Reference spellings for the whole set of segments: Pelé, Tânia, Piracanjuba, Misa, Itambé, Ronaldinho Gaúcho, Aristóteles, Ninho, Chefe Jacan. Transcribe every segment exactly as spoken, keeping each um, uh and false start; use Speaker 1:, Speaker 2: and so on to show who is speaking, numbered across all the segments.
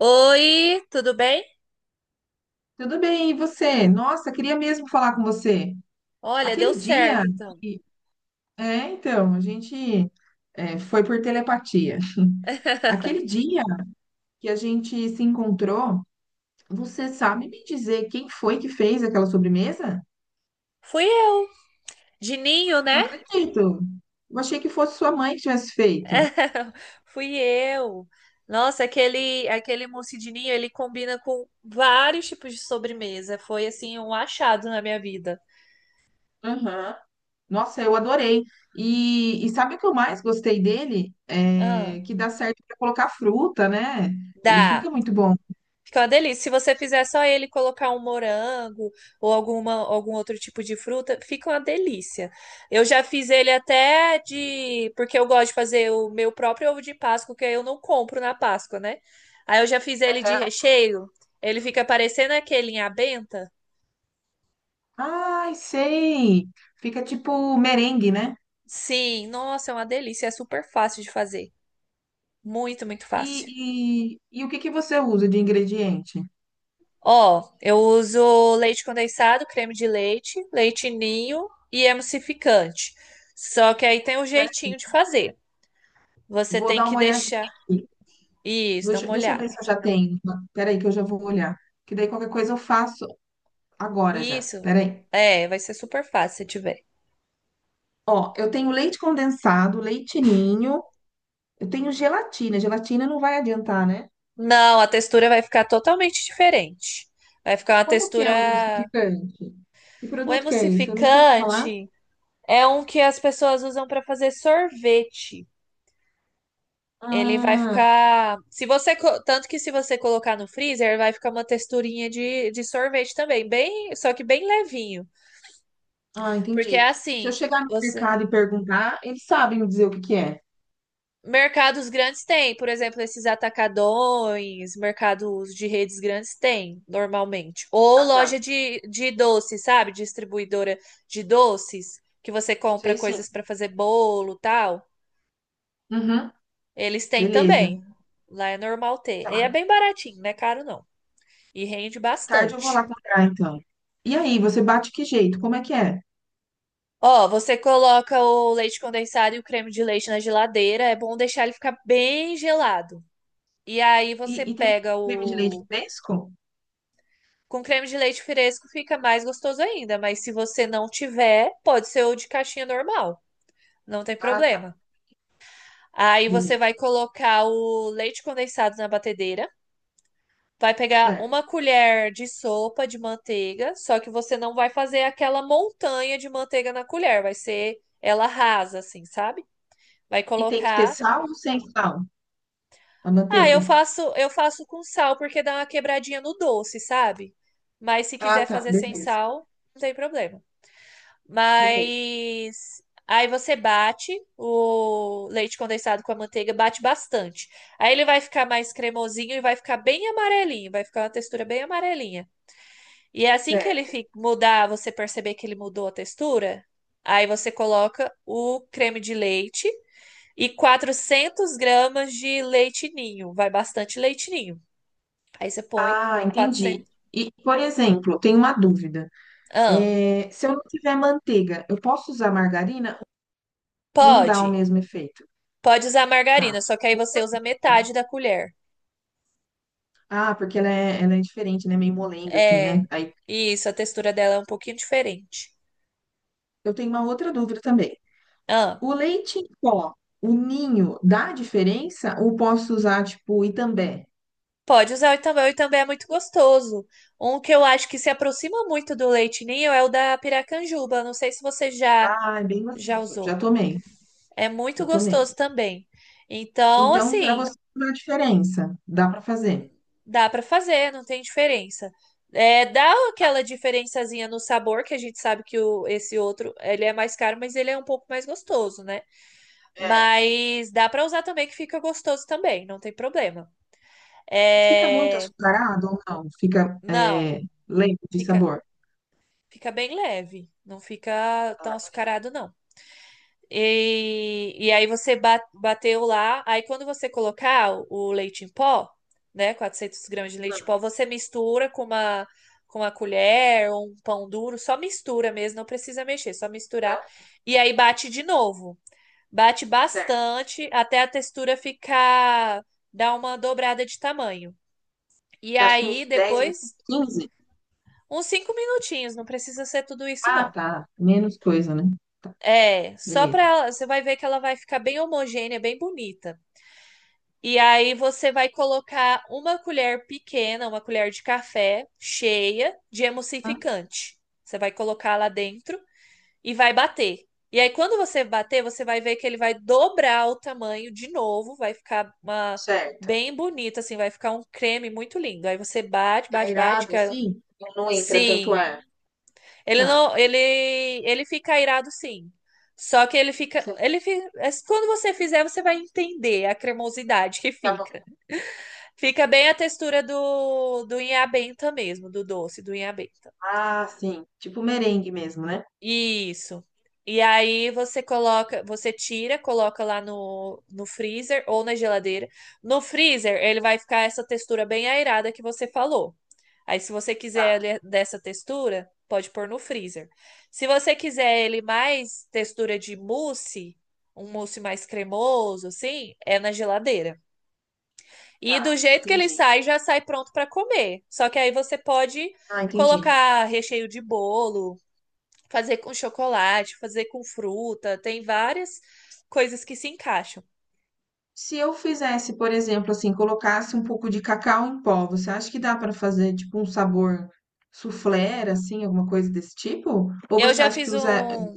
Speaker 1: Oi, tudo bem?
Speaker 2: Tudo bem, e você? Nossa, queria mesmo falar com você.
Speaker 1: Olha, deu
Speaker 2: Aquele dia
Speaker 1: certo então.
Speaker 2: que... É, então, a gente é, foi por telepatia. Aquele dia que a gente se encontrou, você sabe me dizer quem foi que fez aquela sobremesa?
Speaker 1: Fui eu, de ninho,
Speaker 2: Não
Speaker 1: né?
Speaker 2: acredito. Eu achei que fosse sua mãe que tivesse feito.
Speaker 1: Fui eu. Nossa, aquele aquele mousse de ninho, ele combina com vários tipos de sobremesa. Foi assim um achado na minha vida.
Speaker 2: Aham. Nossa, eu adorei. E, e sabe o que eu mais gostei dele?
Speaker 1: Ah,
Speaker 2: É que dá certo para colocar fruta, né? Ele
Speaker 1: dá.
Speaker 2: fica muito bom.
Speaker 1: Fica uma delícia. Se você fizer só ele e colocar um morango ou alguma, algum outro tipo de fruta, fica uma delícia. Eu já fiz ele até de. Porque eu gosto de fazer o meu próprio ovo de Páscoa, que eu não compro na Páscoa, né? Aí eu já fiz ele de recheio. Ele fica parecendo aquele em abenta.
Speaker 2: Ai, sei. Fica tipo merengue, né?
Speaker 1: Sim, nossa, é uma delícia. É super fácil de fazer. Muito, muito fácil.
Speaker 2: E, e, e o que que você usa de ingrediente?
Speaker 1: Ó, eu uso leite condensado, creme de leite, leite ninho e emulsificante. Só que aí tem um jeitinho
Speaker 2: Peraí,
Speaker 1: de fazer. Você
Speaker 2: vou
Speaker 1: tem
Speaker 2: dar
Speaker 1: que
Speaker 2: uma olhadinha
Speaker 1: deixar.
Speaker 2: aqui.
Speaker 1: Isso, dá
Speaker 2: Deixa,
Speaker 1: uma
Speaker 2: deixa eu
Speaker 1: olhada.
Speaker 2: ver se eu já tenho. Peraí, que eu já vou olhar. Que daí qualquer coisa eu faço agora já.
Speaker 1: Isso.
Speaker 2: Peraí.
Speaker 1: É, vai ser super fácil se tiver.
Speaker 2: Ó, eu tenho leite condensado, leite ninho, eu tenho gelatina. Gelatina não vai adiantar, né?
Speaker 1: Não, a textura vai ficar totalmente diferente. Vai ficar uma
Speaker 2: Como que é o
Speaker 1: textura.
Speaker 2: emulsificante? Que
Speaker 1: O
Speaker 2: produto que é esse? Eu nunca ouvi falar.
Speaker 1: emulsificante é um que as pessoas usam para fazer sorvete. Ele vai
Speaker 2: Ah,
Speaker 1: ficar. Se você. co- Tanto que se você colocar no freezer, vai ficar uma texturinha de, de sorvete também. Bem, só que bem levinho.
Speaker 2: ah,
Speaker 1: Porque é
Speaker 2: entendi. Se eu
Speaker 1: assim,
Speaker 2: chegar no
Speaker 1: você.
Speaker 2: mercado e perguntar, eles sabem me dizer o que que é.
Speaker 1: Mercados grandes têm, por exemplo, esses atacadões, mercados de redes grandes têm, normalmente. Ou
Speaker 2: Ah, tá.
Speaker 1: loja de, de doces, sabe? Distribuidora de doces, que você compra
Speaker 2: Sei sim.
Speaker 1: coisas para fazer bolo, tal.
Speaker 2: Uhum.
Speaker 1: Eles têm
Speaker 2: Beleza.
Speaker 1: também. Lá é normal ter. E é
Speaker 2: Tá.
Speaker 1: bem baratinho, não é caro não. E rende
Speaker 2: Mais tarde eu vou lá
Speaker 1: bastante.
Speaker 2: comprar, então. E aí, você bate que jeito? Como é que é?
Speaker 1: Ó, você coloca o leite condensado e o creme de leite na geladeira. É bom deixar ele ficar bem gelado. E aí
Speaker 2: E,
Speaker 1: você
Speaker 2: e tem
Speaker 1: pega
Speaker 2: creme de leite
Speaker 1: o.
Speaker 2: fresco?
Speaker 1: Com creme de leite fresco fica mais gostoso ainda, mas se você não tiver, pode ser o de caixinha normal, não tem
Speaker 2: Ah, tá.
Speaker 1: problema. Aí você
Speaker 2: Beleza.
Speaker 1: vai colocar o leite condensado na batedeira, vai pegar uma
Speaker 2: Certo.
Speaker 1: colher de sopa de manteiga, só que você não vai fazer aquela montanha de manteiga na colher, vai ser ela rasa assim, sabe? Vai
Speaker 2: E tem que ter
Speaker 1: colocar.
Speaker 2: sal ou sem sal? A
Speaker 1: Ah, eu
Speaker 2: manteiga?
Speaker 1: faço, eu faço com sal porque dá uma quebradinha no doce, sabe? Mas se
Speaker 2: Ah,
Speaker 1: quiser
Speaker 2: tá.
Speaker 1: fazer sem
Speaker 2: Beleza.
Speaker 1: sal, não tem problema.
Speaker 2: Beleza.
Speaker 1: Mas aí você bate o leite condensado com a manteiga, bate bastante. Aí ele vai ficar mais cremosinho e vai ficar bem amarelinho, vai ficar uma textura bem amarelinha. E é assim que ele
Speaker 2: Certo.
Speaker 1: fi- mudar, você perceber que ele mudou a textura, aí você coloca o creme de leite e quatrocentos gramas de leite ninho, vai bastante leite ninho. Aí você põe
Speaker 2: Ah, entendi.
Speaker 1: quatrocentos.
Speaker 2: E, por exemplo, tenho uma dúvida.
Speaker 1: Ah,
Speaker 2: É, se eu não tiver manteiga, eu posso usar margarina? Não dá o
Speaker 1: pode.
Speaker 2: mesmo efeito.
Speaker 1: Pode usar
Speaker 2: Tá.
Speaker 1: margarina, só que aí você usa metade da colher.
Speaker 2: Ah, porque ela é, ela é diferente, né? Meio molenga, assim, né?
Speaker 1: É.
Speaker 2: Aí
Speaker 1: Isso, a textura dela é um pouquinho diferente.
Speaker 2: eu tenho uma outra dúvida também.
Speaker 1: Ah,
Speaker 2: O leite em pó, o ninho, dá diferença? Ou posso usar, tipo, Itambé?
Speaker 1: pode usar o Itambé. O Itambé é muito gostoso. Um que eu acho que se aproxima muito do leite ninho é o da Piracanjuba. Não sei se você já
Speaker 2: Ah, é bem
Speaker 1: já
Speaker 2: gostoso. Já
Speaker 1: usou.
Speaker 2: tomei,
Speaker 1: É muito
Speaker 2: já tomei.
Speaker 1: gostoso também. Então,
Speaker 2: Então, para
Speaker 1: assim.
Speaker 2: você, não dá diferença. Dá para fazer.
Speaker 1: Dá pra fazer, não tem diferença. É, dá
Speaker 2: Tá.
Speaker 1: aquela diferençazinha no sabor, que a gente sabe que o, esse outro, ele é mais caro, mas ele é um pouco mais gostoso, né?
Speaker 2: É.
Speaker 1: Mas dá pra usar também, que fica gostoso também, não tem problema.
Speaker 2: E fica muito
Speaker 1: É,
Speaker 2: açucarado ou não? Fica
Speaker 1: não,
Speaker 2: é, lento de
Speaker 1: fica,
Speaker 2: sabor?
Speaker 1: fica bem leve, não fica tão
Speaker 2: Ah, beleza.
Speaker 1: açucarado, não. E, e aí você ba- bateu lá. Aí quando você colocar o, o leite em pó, né, quatrocentos gramas de leite
Speaker 2: Hum,
Speaker 1: em pó, você mistura com uma com uma colher ou um pão duro, só mistura mesmo, não precisa mexer, só misturar.
Speaker 2: tá.
Speaker 1: E aí bate de novo. Bate
Speaker 2: Certo.
Speaker 1: bastante até a textura ficar dar uma dobrada de tamanho. E
Speaker 2: Você acha que
Speaker 1: aí
Speaker 2: uns dez minutos,
Speaker 1: depois
Speaker 2: quinze.
Speaker 1: uns cinco minutinhos, não precisa ser tudo isso
Speaker 2: Ah,
Speaker 1: não.
Speaker 2: tá. Menos coisa, né? Tá,
Speaker 1: É, só
Speaker 2: beleza.
Speaker 1: pra. Você vai ver que ela vai ficar bem homogênea, bem bonita. E aí você vai colocar uma colher pequena, uma colher de café cheia de
Speaker 2: Ah,
Speaker 1: emulsificante. Você vai colocar lá dentro e vai bater. E aí quando você bater, você vai ver que ele vai dobrar o tamanho de novo, vai ficar uma
Speaker 2: certo.
Speaker 1: bem bonito assim, vai ficar um creme muito lindo. Aí você bate, bate, bate,
Speaker 2: Aerado,
Speaker 1: que- ela-
Speaker 2: assim, não entra tanto ar.
Speaker 1: sim, ele
Speaker 2: Tá,
Speaker 1: não, ele, ele fica irado sim. Só que ele fica, ele
Speaker 2: certo.
Speaker 1: fica, é, quando você fizer, você vai entender a cremosidade que
Speaker 2: Tá bom.
Speaker 1: fica. Fica bem a textura do do inhabenta mesmo, do doce do inhabenta.
Speaker 2: Ah, sim. Tipo merengue mesmo, né?
Speaker 1: Isso. E aí você coloca, você tira, coloca lá no, no freezer ou na geladeira. No freezer, ele vai ficar essa textura bem aerada que você falou. Aí, se você quiser
Speaker 2: Tá,
Speaker 1: ele dessa textura, pode pôr no freezer. Se você quiser ele mais textura de mousse, um mousse mais cremoso, assim, é na geladeira. E do
Speaker 2: tá.
Speaker 1: jeito que ele
Speaker 2: Entendi.
Speaker 1: sai, já sai pronto para comer. Só que aí você pode
Speaker 2: Ah, entendi.
Speaker 1: colocar recheio de bolo, fazer com chocolate, fazer com fruta, tem várias coisas que se encaixam.
Speaker 2: Se eu fizesse, por exemplo, assim, colocasse um pouco de cacau em pó, você acha que dá pra fazer, tipo, um sabor soufflé, assim, alguma coisa desse tipo? Ou
Speaker 1: Eu
Speaker 2: você
Speaker 1: já
Speaker 2: acha que
Speaker 1: fiz
Speaker 2: usa...
Speaker 1: um,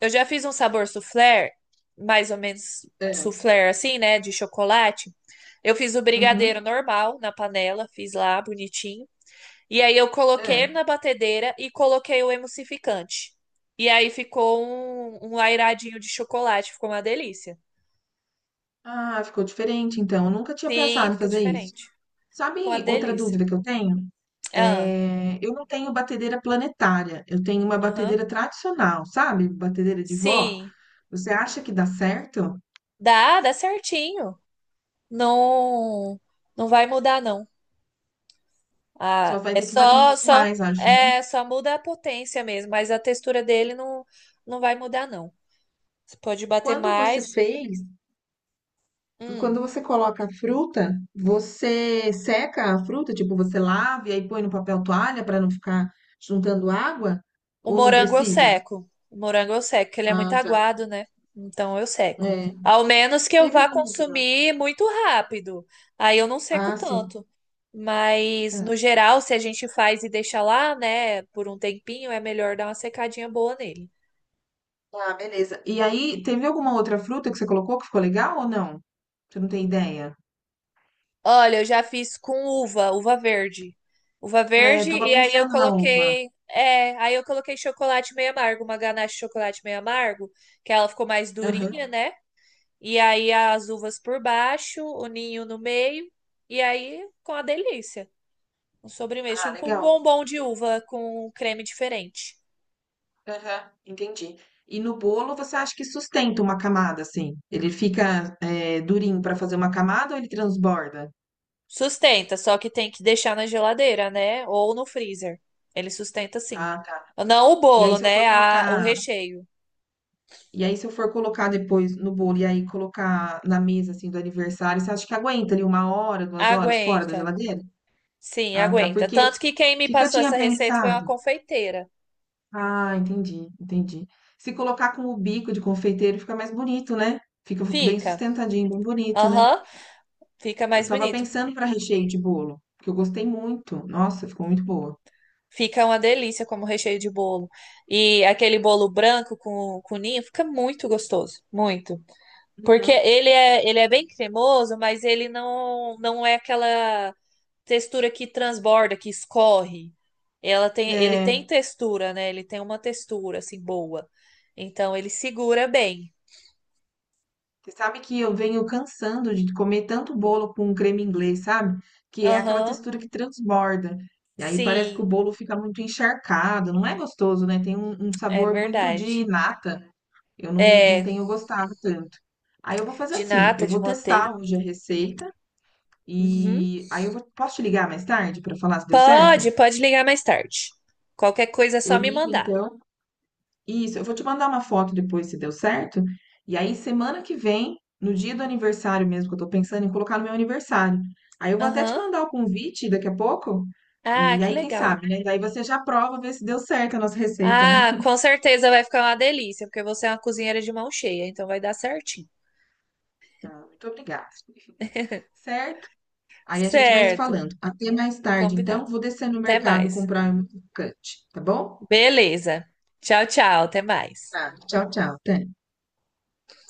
Speaker 1: eu já fiz um sabor soufflé, mais ou menos
Speaker 2: É,
Speaker 1: soufflé assim, né, de chocolate. Eu fiz o brigadeiro
Speaker 2: uhum,
Speaker 1: normal na panela, fiz lá bonitinho. E aí eu coloquei
Speaker 2: é.
Speaker 1: na batedeira e coloquei o emulsificante. E aí ficou um, um lairadinho de chocolate, ficou uma delícia.
Speaker 2: Ah, ficou diferente, então. Eu nunca tinha
Speaker 1: Sim,
Speaker 2: pensado em
Speaker 1: fica
Speaker 2: fazer isso.
Speaker 1: diferente. Ficou uma
Speaker 2: Sabe outra
Speaker 1: delícia.
Speaker 2: dúvida que eu tenho?
Speaker 1: Ah,
Speaker 2: É, eu não tenho batedeira planetária, eu tenho uma
Speaker 1: aham.
Speaker 2: batedeira tradicional, sabe? Batedeira de vó.
Speaker 1: Sim.
Speaker 2: Você acha que dá certo?
Speaker 1: Dá, dá certinho. Não, não vai mudar, não.
Speaker 2: Só
Speaker 1: Ah,
Speaker 2: vai
Speaker 1: é
Speaker 2: ter que bater um
Speaker 1: só,
Speaker 2: pouco
Speaker 1: só,
Speaker 2: mais, acho, né?
Speaker 1: é só muda a potência mesmo, mas a textura dele não, não vai mudar, não. Você pode bater
Speaker 2: Quando você
Speaker 1: mais.
Speaker 2: fez,
Speaker 1: Hum,
Speaker 2: quando você coloca a fruta, você seca a fruta, tipo, você lava e aí põe no papel toalha para não ficar juntando água?
Speaker 1: o
Speaker 2: Ou não
Speaker 1: morango eu
Speaker 2: precisa?
Speaker 1: seco. O morango eu seco, porque ele é muito
Speaker 2: Ah, tá.
Speaker 1: aguado, né? Então eu seco.
Speaker 2: É.
Speaker 1: Ao menos que eu
Speaker 2: Teve
Speaker 1: vá
Speaker 2: alguma.
Speaker 1: consumir muito rápido. Aí eu não seco
Speaker 2: Ah, sim.
Speaker 1: tanto. Mas, no
Speaker 2: Tá.
Speaker 1: geral, se a gente faz e deixa lá, né, por um tempinho, é melhor dar uma secadinha boa nele.
Speaker 2: Ah, beleza. E aí, teve alguma outra fruta que você colocou que ficou legal ou não? Você não tem ideia?
Speaker 1: Olha, eu já fiz com uva, uva verde. Uva
Speaker 2: É,
Speaker 1: verde,
Speaker 2: tava
Speaker 1: e aí eu
Speaker 2: pensando na uva.
Speaker 1: coloquei. É, aí eu coloquei chocolate meio amargo, uma ganache de chocolate meio amargo, que ela ficou mais durinha,
Speaker 2: Aham.
Speaker 1: né? E aí as uvas por baixo, o ninho no meio, e aí com a delícia. Um sobremesa,
Speaker 2: Ah,
Speaker 1: tipo um
Speaker 2: legal.
Speaker 1: bombom de uva com creme diferente.
Speaker 2: Aham, entendi. E no bolo, você acha que sustenta uma camada, assim? Ele fica, é, durinho pra fazer uma camada ou ele transborda?
Speaker 1: Sustenta, só que tem que deixar na geladeira, né? Ou no freezer. Ele sustenta sim.
Speaker 2: Ah, tá.
Speaker 1: Não o
Speaker 2: E aí,
Speaker 1: bolo,
Speaker 2: se eu for
Speaker 1: né? A, o
Speaker 2: colocar,
Speaker 1: recheio.
Speaker 2: e aí, se eu for colocar depois no bolo e aí colocar na mesa, assim, do aniversário, você acha que aguenta ali uma hora, duas horas fora da
Speaker 1: Aguenta.
Speaker 2: geladeira?
Speaker 1: Sim,
Speaker 2: Ah, tá.
Speaker 1: aguenta.
Speaker 2: Porque o
Speaker 1: Tanto que quem me
Speaker 2: que que eu
Speaker 1: passou
Speaker 2: tinha
Speaker 1: essa receita foi uma
Speaker 2: pensado?
Speaker 1: confeiteira.
Speaker 2: Ah, entendi, entendi. Se colocar com o bico de confeiteiro fica mais bonito, né? Fica bem
Speaker 1: Fica.
Speaker 2: sustentadinho, bem bonito, né?
Speaker 1: Aham, fica
Speaker 2: Eu
Speaker 1: mais
Speaker 2: tava
Speaker 1: bonito.
Speaker 2: pensando para recheio de bolo, que eu gostei muito. Nossa, ficou muito boa.
Speaker 1: Fica uma delícia como recheio de bolo. E aquele bolo branco com, com ninho fica muito gostoso, muito. Porque
Speaker 2: Uhum.
Speaker 1: ele é, ele é bem cremoso, mas ele não, não é aquela textura que transborda, que escorre. Ela tem, ele tem
Speaker 2: É,
Speaker 1: textura, né? Ele tem uma textura assim boa. Então ele segura bem.
Speaker 2: você sabe que eu venho cansando de comer tanto bolo com creme inglês, sabe? Que é aquela
Speaker 1: Aham,
Speaker 2: textura que transborda. E aí parece que
Speaker 1: sim,
Speaker 2: o bolo fica muito encharcado, não é gostoso, né? Tem um, um
Speaker 1: é
Speaker 2: sabor muito de
Speaker 1: verdade.
Speaker 2: nata. Eu não, não
Speaker 1: É,
Speaker 2: tenho gostado tanto. Aí eu vou fazer
Speaker 1: de
Speaker 2: assim,
Speaker 1: nata,
Speaker 2: eu
Speaker 1: de
Speaker 2: vou
Speaker 1: manteiga.
Speaker 2: testar hoje a receita
Speaker 1: Uhum.
Speaker 2: e aí eu vou, posso te ligar mais tarde para falar se deu certo?
Speaker 1: Pode, pode ligar mais tarde. Qualquer coisa é
Speaker 2: Eu
Speaker 1: só me
Speaker 2: ligo
Speaker 1: mandar.
Speaker 2: então. Isso, eu vou te mandar uma foto depois se deu certo. E aí semana que vem, no dia do aniversário mesmo, que eu tô pensando em colocar no meu aniversário. Aí eu vou até te
Speaker 1: Aham.
Speaker 2: mandar o convite daqui a pouco.
Speaker 1: Ah,
Speaker 2: E
Speaker 1: que
Speaker 2: aí quem
Speaker 1: legal.
Speaker 2: sabe, né? Daí você já prova ver se deu certo a nossa receita, né?
Speaker 1: Ah, com certeza vai ficar uma delícia, porque você é uma cozinheira de mão cheia, então vai dar certinho.
Speaker 2: Ah, muito obrigada. Certo? Aí a gente vai se
Speaker 1: Certo,
Speaker 2: falando. Até mais tarde, então.
Speaker 1: combinado.
Speaker 2: Vou descer no
Speaker 1: Até
Speaker 2: mercado
Speaker 1: mais.
Speaker 2: comprar um modificante, tá bom?
Speaker 1: Beleza. Tchau, tchau. Até mais.
Speaker 2: Tá. Tchau, tchau, Tânia.